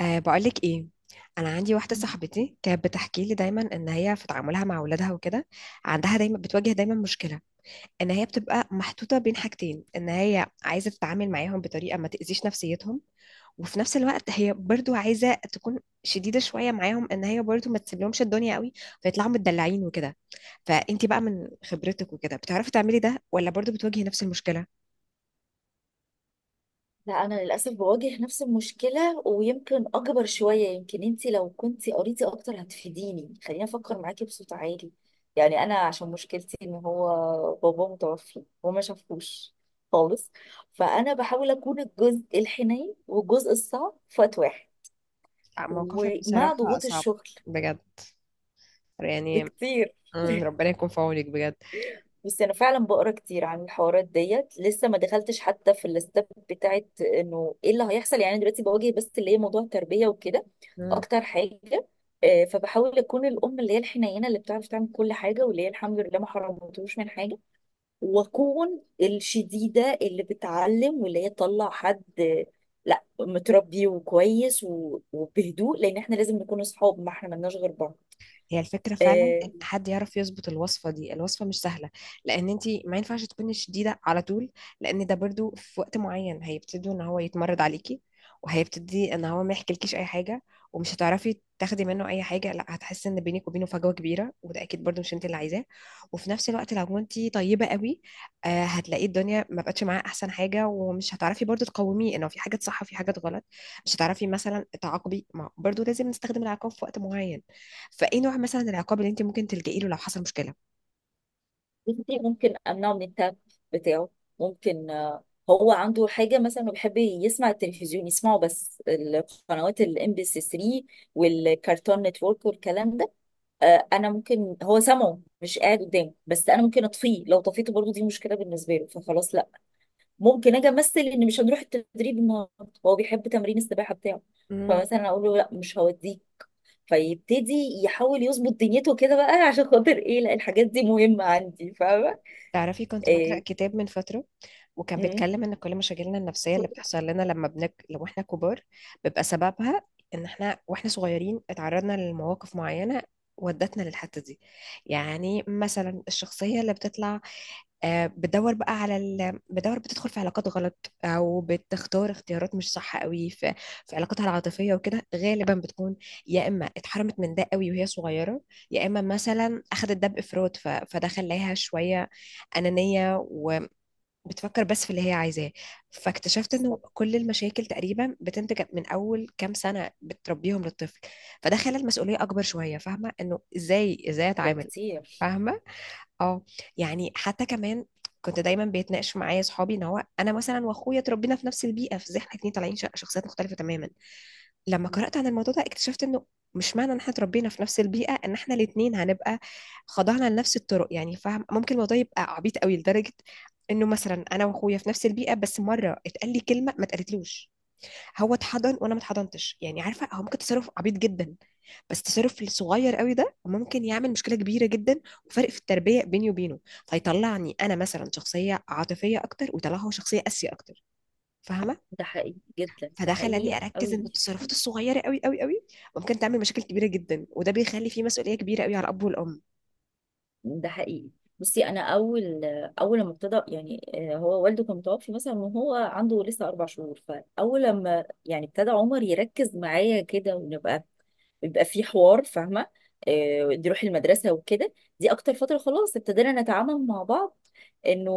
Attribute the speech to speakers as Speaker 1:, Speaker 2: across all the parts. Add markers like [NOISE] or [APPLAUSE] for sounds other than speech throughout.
Speaker 1: أه بقولك ايه، انا عندي واحده صاحبتي كانت بتحكي لي دايما ان هي في تعاملها مع اولادها وكده. عندها دايما بتواجه مشكله، ان هي بتبقى محطوطه بين حاجتين، ان هي عايزه تتعامل معاهم بطريقه ما تاذيش نفسيتهم، وفي نفس الوقت هي برضو عايزه تكون شديده شويه معاهم، ان هي برضو ما تسيبلهمش الدنيا قوي فيطلعوا متدلعين وكده. فانتي بقى من خبرتك وكده بتعرفي تعملي ده ولا برضو بتواجهي نفس المشكله؟
Speaker 2: لا، انا للاسف بواجه نفس المشكله، ويمكن اكبر شويه. يمكن انت لو كنت قريتي اكتر هتفيديني. خليني افكر معاكي بصوت عالي. يعني انا عشان مشكلتي ان هو بابا متوفي وما شافوش خالص. فانا بحاول اكون الجزء الحنين والجزء الصعب في وقت واحد.
Speaker 1: آه، موقفك
Speaker 2: ومع
Speaker 1: بصراحه
Speaker 2: ضغوط
Speaker 1: صعب
Speaker 2: الشغل
Speaker 1: بجد، يعني.
Speaker 2: بكتير.
Speaker 1: مم،
Speaker 2: [LAUGHS]
Speaker 1: ربنا يكون في عونك بجد.
Speaker 2: بس انا فعلا بقرا كتير عن الحوارات ديت، لسه ما دخلتش حتى في الاستاب بتاعت انه ايه اللي هيحصل. أنا دلوقتي بواجه بس اللي هي موضوع التربيه وكده
Speaker 1: مم.
Speaker 2: اكتر حاجه. فبحاول اكون الام اللي هي الحنينه، اللي بتعرف تعمل كل حاجه، واللي هي الحمد لله ما حرمتهوش من حاجه. واكون الشديده اللي بتعلم، واللي هي تطلع حد، لا، متربي وكويس وبهدوء. لان احنا لازم نكون اصحاب، ما احنا ملناش غير بعض.
Speaker 1: هي الفكرة فعلا ان
Speaker 2: آه،
Speaker 1: حد يعرف يظبط الوصفة دي، الوصفة مش سهلة. لان انتي ما ينفعش تكوني شديدة على طول، لان ده برضو في وقت معين هيبتدوا ان هو يتمرد عليكي، وهيبتدي ان هو ما يحكيلكيش اي حاجة، ومش هتعرفي تاخدي منه اي حاجة، لا هتحسي ان بينك وبينه فجوة كبيرة، وده اكيد برضو مش انت اللي عايزاه. وفي نفس الوقت لو انتي طيبة قوي آه هتلاقي الدنيا ما بقتش معاه احسن حاجة، ومش هتعرفي برضو تقوميه انه في حاجات صح وفي حاجات غلط. مش هتعرفي مثلا تعاقبي، ما برضو لازم نستخدم العقاب في وقت معين. فايه نوع مثلا العقاب اللي انت ممكن تلجئي له لو حصل مشكله؟
Speaker 2: بنتي ممكن امنعه من التاب بتاعه. ممكن هو عنده حاجه مثلا، إنه بيحب يسمع التلفزيون، يسمعه بس القنوات الام بي سي 3 والكارتون نتورك والكلام ده. انا ممكن هو سامعه مش قاعد قدامه، بس انا ممكن اطفيه. لو طفيته برضو دي مشكله بالنسبه له فخلاص لا. ممكن اجي امثل ان مش هنروح التدريب النهارده. هو بيحب تمرين السباحه بتاعه،
Speaker 1: مم.
Speaker 2: فمثلا اقول له لا، مش هوديك. فيبتدي يحاول يظبط دنيته كده بقى. [LAUGHS] عشان خاطر ايه؟ لا، الحاجات دي مهمه عندي، فاهمه؟
Speaker 1: تعرفي كنت بقرا
Speaker 2: آه.
Speaker 1: كتاب من فتره، وكان
Speaker 2: مم.
Speaker 1: بيتكلم ان كل مشاكلنا النفسيه اللي بتحصل لنا لو احنا كبار، بيبقى سببها ان احنا واحنا صغيرين اتعرضنا لمواقف معينه ودتنا للحته دي. يعني مثلا الشخصيه اللي بتطلع آه، بتدور بقى على ال... بتدور بتدخل في علاقات غلط او بتختار اختيارات مش صح قوي في علاقاتها العاطفيه وكده غالبا بتكون يا اما اتحرمت من ده قوي وهي صغيره، يا اما مثلا اخدت ده بافراط فده خلاها شويه انانيه وبتفكر بس في اللي هي عايزاه. فاكتشفت
Speaker 2: صح.
Speaker 1: انه كل المشاكل تقريبا بتنتج من اول كام سنه بتربيهم للطفل. فده خلى المسؤوليه اكبر شويه، فاهمه انه ازاي
Speaker 2: ده
Speaker 1: اتعامل.
Speaker 2: كتير.
Speaker 1: فاهمه؟ اه. يعني حتى كمان كنت دايما بيتناقش معايا اصحابي ان هو انا مثلا واخويا اتربينا في نفس البيئه، في زي احنا اتنين طالعين شخصيات مختلفه تماما. لما قرات عن الموضوع ده اكتشفت انه مش معنى ان احنا اتربينا في نفس البيئه ان احنا الاتنين هنبقى خضعنا لنفس الطرق، يعني فاهم ممكن الموضوع يبقى عبيط قوي لدرجه انه مثلا انا واخويا في نفس البيئه بس مره اتقال لي كلمه ما اتقالتلوش. هو اتحضن وانا ما اتحضنتش، يعني عارفه هو ممكن تصرف عبيط جدا، بس التصرف الصغير قوي ده ممكن يعمل مشكله كبيره جدا، وفرق في التربيه بيني وبينه فيطلعني انا مثلا شخصيه عاطفيه اكتر ويطلعه هو شخصيه قاسيه اكتر. فاهمه؟
Speaker 2: ده حقيقي جدا، ده
Speaker 1: فده خلاني
Speaker 2: حقيقي.
Speaker 1: اركز ان
Speaker 2: قوي.
Speaker 1: التصرفات الصغيره قوي قوي قوي ممكن تعمل مشاكل كبيره جدا، وده بيخلي فيه مسؤوليه كبيره قوي على الاب والام.
Speaker 2: ده حقيقي. بصي، انا اول لما ابتدى، يعني هو والده كان متوفي مثلا، وهو عنده لسه 4 شهور. فاول لما يعني ابتدى عمر يركز معايا كده، ونبقى بيبقى في حوار، فاهمه؟ دي روح المدرسه وكده، دي اكتر فتره خلاص ابتدينا نتعامل مع بعض انه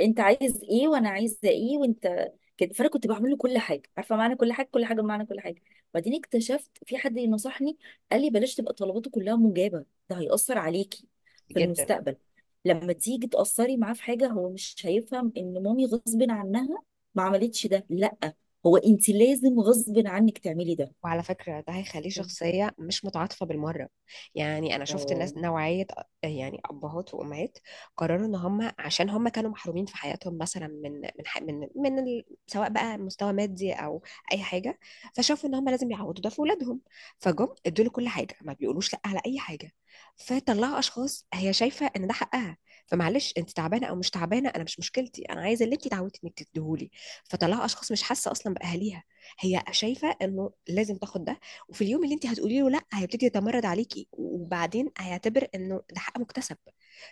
Speaker 2: انت عايز ايه وانا عايزه ايه وانت كده. فانا كنت بعمل له كل حاجه. عارفه معنى كل حاجه؟ كل حاجه بمعنى كل حاجه. وبعدين اكتشفت، في حد نصحني، قال لي بلاش تبقى طلباته كلها مجابه، ده هيأثر عليكي في
Speaker 1: جدا.
Speaker 2: المستقبل. لما تيجي تأثري معاه في حاجه، هو مش هيفهم ان مامي غصب عنها ما عملتش ده، لا. هو انت لازم غصب عنك تعملي ده.
Speaker 1: وعلى فكرة ده هيخليه شخصية مش متعاطفة بالمرة. يعني أنا شفت
Speaker 2: اه.
Speaker 1: ناس نوعية، يعني أبهات وأمهات قرروا إن هم عشان هم كانوا محرومين في حياتهم مثلا من من ح- من من ال... سواء بقى مستوى مادي أو أي حاجة، فشافوا إن هم لازم يعوضوا ده في أولادهم، فجم ادوا له كل حاجة ما بيقولوش لأ على أي حاجة. فطلعوا أشخاص هي شايفة إن ده حقها، فمعلش انت تعبانه او مش تعبانه، انا مش مشكلتي، انا عايزه اللي انت اتعودتي انك تديهولي. فطلعوا اشخاص مش حاسه اصلا باهاليها، هي شايفه انه لازم تاخد ده. وفي اليوم اللي انت هتقولي له لا هيبتدي يتمرد عليكي، وبعدين هيعتبر انه ده حق مكتسب،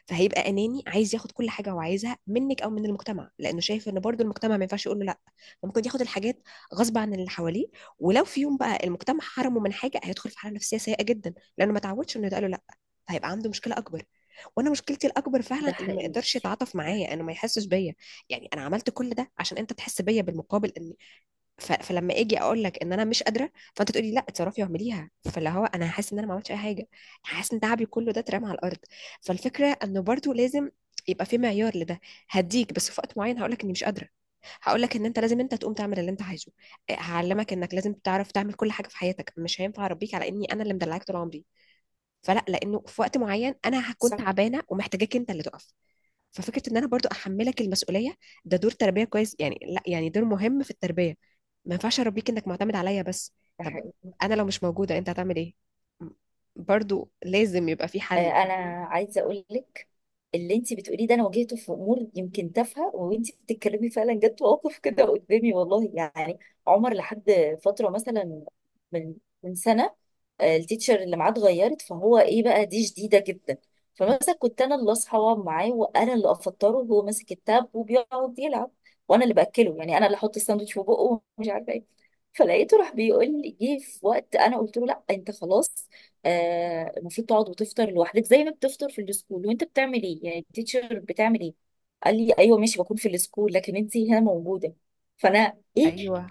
Speaker 1: فهيبقى اناني عايز ياخد كل حاجه هو عايزها منك او من المجتمع، لانه شايف ان برضو المجتمع ما ينفعش يقول له لا. فممكن ياخد الحاجات غصب عن اللي حواليه. ولو في يوم بقى المجتمع حرمه من حاجه هيدخل في حاله نفسيه سيئه جدا لانه ما تعودش انه يتقال له لا، فهيبقى عنده مشكله اكبر. وانا مشكلتي الاكبر
Speaker 2: ده
Speaker 1: فعلا انه ما
Speaker 2: حقيقي.
Speaker 1: يقدرش يتعاطف
Speaker 2: ده حقيقي.
Speaker 1: معايا، انه ما يحسش بيا. يعني انا عملت كل ده عشان انت تحس بيا بالمقابل، ان فلما اجي اقول لك ان انا مش قادره، فانت تقولي لا اتصرفي واعمليها، فاللي هو انا حاسس ان انا ما عملتش اي حاجه، حاسس ان تعبي كله ده اترمى على الارض. فالفكره انه برضو لازم يبقى في معيار لده، هديك بس في وقت معين هقول لك اني مش قادره، هقول لك ان انت لازم انت تقوم تعمل اللي انت عايزه، هعلمك انك لازم تعرف تعمل كل حاجه في حياتك، مش هينفع اربيك على اني انا اللي مدلعاك طول عمري، فلا، لانه في وقت معين انا هكون
Speaker 2: صح.
Speaker 1: تعبانه ومحتاجاك انت اللي تقف. ففكره ان انا برضو احملك المسؤوليه، ده دور تربيه كويس، يعني لا، يعني دور مهم في التربيه. ما ينفعش اربيك انك معتمد عليا بس.
Speaker 2: ده
Speaker 1: طب
Speaker 2: حقيقي.
Speaker 1: انا لو مش موجوده انت هتعمل ايه؟ م- برضو لازم يبقى في حل،
Speaker 2: انا
Speaker 1: فاهمين؟
Speaker 2: عايزه اقول لك اللي انت بتقوليه ده، انا واجهته في امور يمكن تافهه. وانت بتتكلمي فعلا جت مواقف كده قدامي والله. يعني عمر لحد فتره مثلا، من سنه، التيتشر اللي معاه اتغيرت، فهو ايه بقى دي شديده جدا.
Speaker 1: م.
Speaker 2: فمثلا كنت انا اللي اصحى واقعد معاه، وانا اللي افطره، وهو ماسك التاب وبيقعد يلعب، وانا اللي باكله. يعني انا اللي احط الساندوتش في بقه ومش عارفه ايه. فلقيته راح بيقول لي، جه في وقت انا قلت له لا، انت خلاص المفروض تقعد وتفطر لوحدك زي ما بتفطر في السكول. وانت بتعمل ايه يعني، التيتشر بتعمل ايه؟ قال لي ايوه ماشي، بكون في السكول، لكن انت هنا موجوده. فانا ايه؟
Speaker 1: ايوه.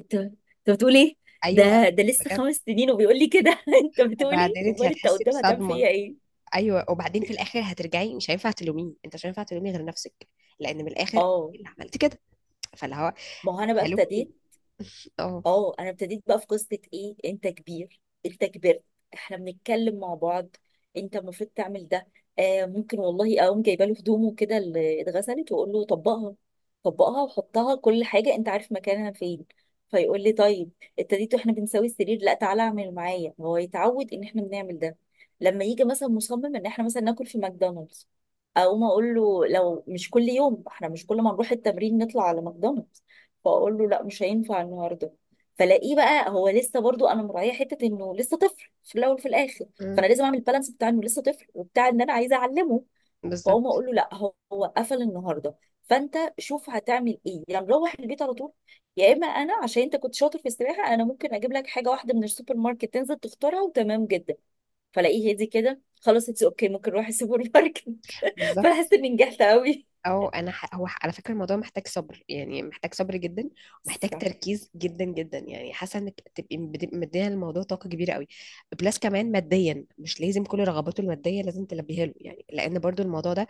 Speaker 2: انت بتقول ايه؟
Speaker 1: ايوه،
Speaker 2: ده لسه
Speaker 1: بجد.
Speaker 2: 5 سنين وبيقول لي كده! [LAUGHS] انت بتقول ايه؟
Speaker 1: وبعدين انت
Speaker 2: امال انت
Speaker 1: هتحسي
Speaker 2: قدام هتعمل
Speaker 1: بصدمه.
Speaker 2: فيا ايه؟
Speaker 1: ايوه، وبعدين في الاخر هترجعي، مش هينفع تلوميه، انت مش هينفع تلومي غير نفسك، لان من الاخر
Speaker 2: اه،
Speaker 1: إيه اللي عملت كده؟ فاللي هو
Speaker 2: ما هو انا بقى
Speaker 1: هلوم مين؟
Speaker 2: ابتديت.
Speaker 1: [LAUGHS] اه.
Speaker 2: اه، انا ابتديت بقى في قصه ايه، انت كبير، انت كبرت، احنا بنتكلم مع بعض، انت المفروض تعمل ده. آه، ممكن والله اقوم جايبه له هدومه كده اللي اتغسلت، واقول له طبقها. طبقها وحطها، كل حاجه انت عارف مكانها فين. فيقول لي طيب. ابتديت، واحنا بنساوي السرير، لا تعالى اعمل معايا، هو يتعود ان احنا بنعمل ده. لما يجي مثلا مصمم ان احنا مثلا ناكل في ماكدونالدز، اقوم اقول له لو مش كل يوم، احنا مش كل ما نروح التمرين نطلع على ماكدونالدز، فاقول له لا، مش هينفع النهارده. فلاقيه بقى، هو لسه، برضو انا مراعيه حته انه لسه طفل في الاول وفي الاخر.
Speaker 1: م.
Speaker 2: فانا لازم اعمل بالانس بتاع انه لسه طفل وبتاع ان انا عايزه اعلمه. فاقوم
Speaker 1: بالظبط.
Speaker 2: اقول له لا، هو قفل النهارده، فانت شوف هتعمل ايه، يا يعني نروح البيت على طول، يا اما انا عشان انت كنت شاطر في السباحه، انا ممكن اجيب لك حاجه واحده من السوبر ماركت، تنزل تختارها، وتمام جدا. فلاقيه هادي كده، خلاص اتس اوكي، ممكن نروح السوبر ماركت. [LAUGHS]
Speaker 1: بالظبط.
Speaker 2: فاحس اني نجحت قوي.
Speaker 1: او انا ح... هو ح- على فكره الموضوع محتاج صبر، يعني محتاج صبر جدا، ومحتاج
Speaker 2: صح.
Speaker 1: تركيز جدا جدا، يعني حاسه انك تبقي مديه للموضوع طاقه كبيره قوي. بلس كمان ماديا مش لازم كل رغباته الماديه لازم تلبيها له، يعني لان برضو الموضوع ده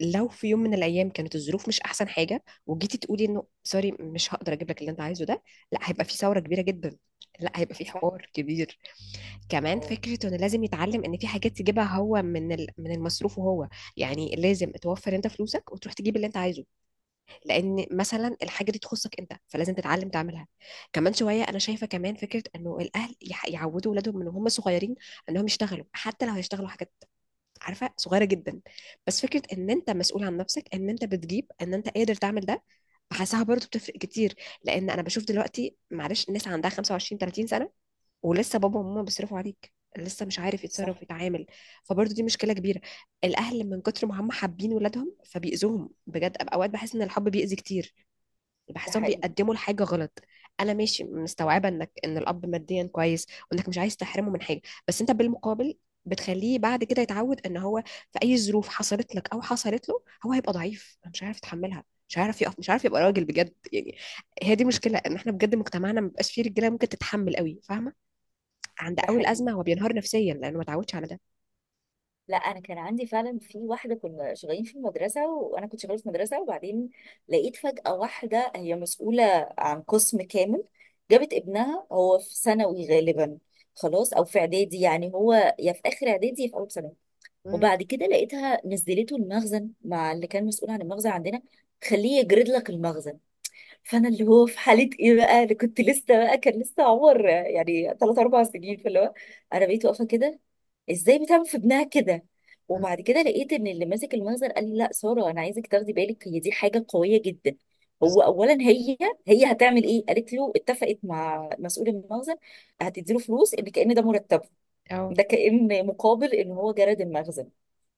Speaker 1: لو في يوم من الايام كانت الظروف مش احسن حاجه، وجيتي تقولي انه سوري مش هقدر اجيب لك اللي انت عايزه ده، لا هيبقى في ثوره كبيره جدا، لا هيبقى في
Speaker 2: صح.
Speaker 1: حوار كبير. كمان
Speaker 2: اه.
Speaker 1: فكره انه لازم يتعلم ان في حاجات يجيبها هو من المصروف، وهو يعني لازم توفر انت فلوسك وتروح تجيب اللي انت عايزه، لان مثلا الحاجه دي تخصك انت فلازم تتعلم تعملها. كمان شويه انا شايفه كمان فكره انه الاهل يعودوا اولادهم من هم صغيرين انهم يشتغلوا، حتى لو هيشتغلوا حاجات عارفه صغيره جدا، بس فكره ان انت مسؤول عن نفسك، ان انت بتجيب، ان انت قادر تعمل ده، بحسها برضه بتفرق كتير. لان انا بشوف دلوقتي معلش الناس عندها 25 30 سنه، ولسه بابا وماما بيصرفوا عليك، لسه مش عارف
Speaker 2: صح.
Speaker 1: يتصرف يتعامل، فبرضه دي مشكله كبيره. الاهل من كتر ما هم حابين ولادهم فبيأذوهم بجد، اوقات بحس ان الحب بيأذي كتير،
Speaker 2: ده
Speaker 1: بحسهم
Speaker 2: حقيقي.
Speaker 1: بيقدموا الحاجة غلط. انا ماشي مستوعبة انك ان الاب ماديا كويس، وانك مش عايز تحرمه من حاجة، بس انت بالمقابل بتخليه بعد كده يتعود ان هو في اي ظروف حصلت لك او حصلت له هو هيبقى ضعيف، مش عارف يتحملها، مش عارف يقف، مش عارف يبقى
Speaker 2: صح.
Speaker 1: راجل بجد يعني. هي دي مشكلة ان احنا بجد مجتمعنا ما بيبقاش فيه رجالة ممكن تتحمل قوي، فاهمة؟ عند
Speaker 2: ده
Speaker 1: اول
Speaker 2: حقيقي.
Speaker 1: ازمة هو بينهار نفسيا لانه ما اتعودش على ده.
Speaker 2: لا، انا كان عندي فعلا، في واحده كنا شغالين في المدرسه، وانا كنت شغاله في مدرسه، وبعدين لقيت فجاه واحده هي مسؤوله عن قسم كامل، جابت ابنها، هو في ثانوي غالبا. خلاص، او في اعدادي، يعني هو يا في اخر اعدادي يا في اول ثانوي.
Speaker 1: مم،
Speaker 2: وبعد كده لقيتها نزلته المخزن مع اللي كان مسؤول عن المخزن عندنا، خليه يجرد لك المخزن. فانا اللي هو في حاله ايه بقى، انا كنت لسه بقى، كان لسه عمر يعني 3 4 سنين، فاللي هو انا بقيت واقفه كده، ازاي بتعمل في ابنها كده؟
Speaker 1: مم،
Speaker 2: وبعد كده لقيت ان اللي ماسك المخزن قال لي، لا ساره، انا عايزك تاخدي بالك، هي دي حاجه قويه جدا. هو
Speaker 1: بالظبط.
Speaker 2: اولا هي هتعمل ايه؟ قالت له اتفقت مع مسؤول المخزن هتديله فلوس ان كأن ده مرتبه،
Speaker 1: اه.
Speaker 2: ده كأن مقابل ان هو جرد المخزن،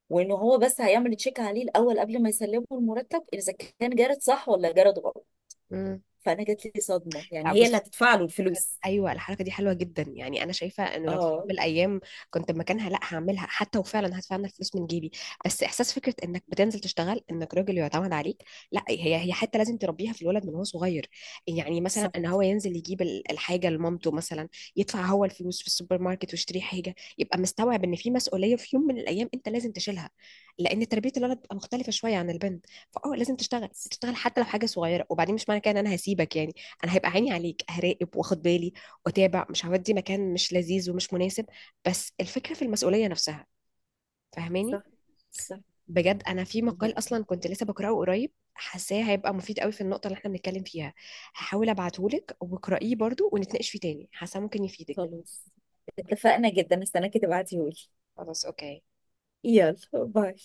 Speaker 2: وان هو بس هيعمل تشيك عليه الاول قبل ما يسلمه المرتب اذا كان جرد صح ولا جرد غلط.
Speaker 1: مم.
Speaker 2: فانا جات لي صدمه،
Speaker 1: لا
Speaker 2: يعني هي اللي
Speaker 1: بص الحركة-
Speaker 2: هتدفع له الفلوس؟
Speaker 1: ايوه الحركه دي حلوه جدا، يعني انا شايفه انه لو في يوم
Speaker 2: اه.
Speaker 1: من الايام كنت مكانها لا هعملها، حتى وفعلا هدفع انا الفلوس من جيبي، بس احساس فكره انك بتنزل تشتغل انك راجل يعتمد عليك، لا هي هي حتى لازم تربيها في الولد من هو صغير. يعني مثلا
Speaker 2: صح.
Speaker 1: ان هو ينزل يجيب الحاجه لمامته مثلا، يدفع هو الفلوس في السوبر ماركت ويشتري حاجه، يبقى مستوعب ان في مسؤوليه في يوم من الايام انت لازم تشيلها. لان تربيه الولد بتبقى مختلفه شويه عن البنت، فاه لازم تشتغل تشتغل حتى لو حاجه صغيره. وبعدين مش معنى كده ان انا هسيبك، يعني انا هيبقى عيني عليك، هراقب واخد بالي واتابع، مش هودي مكان مش لذيذ ومش مناسب، بس الفكره في المسؤوليه نفسها. فاهماني؟
Speaker 2: صح. صح.
Speaker 1: بجد انا في
Speaker 2: لا،
Speaker 1: مقال اصلا كنت لسه بقراه قريب، حاساه هيبقى مفيد قوي في النقطه اللي احنا بنتكلم فيها، هحاول ابعتهولك واقرأيه برضو ونتناقش فيه تاني، حاسه ممكن يفيدك.
Speaker 2: خلاص، اتفقنا جدا، استناكي تبعتيهولي.
Speaker 1: خلاص اوكي.
Speaker 2: يلا باي.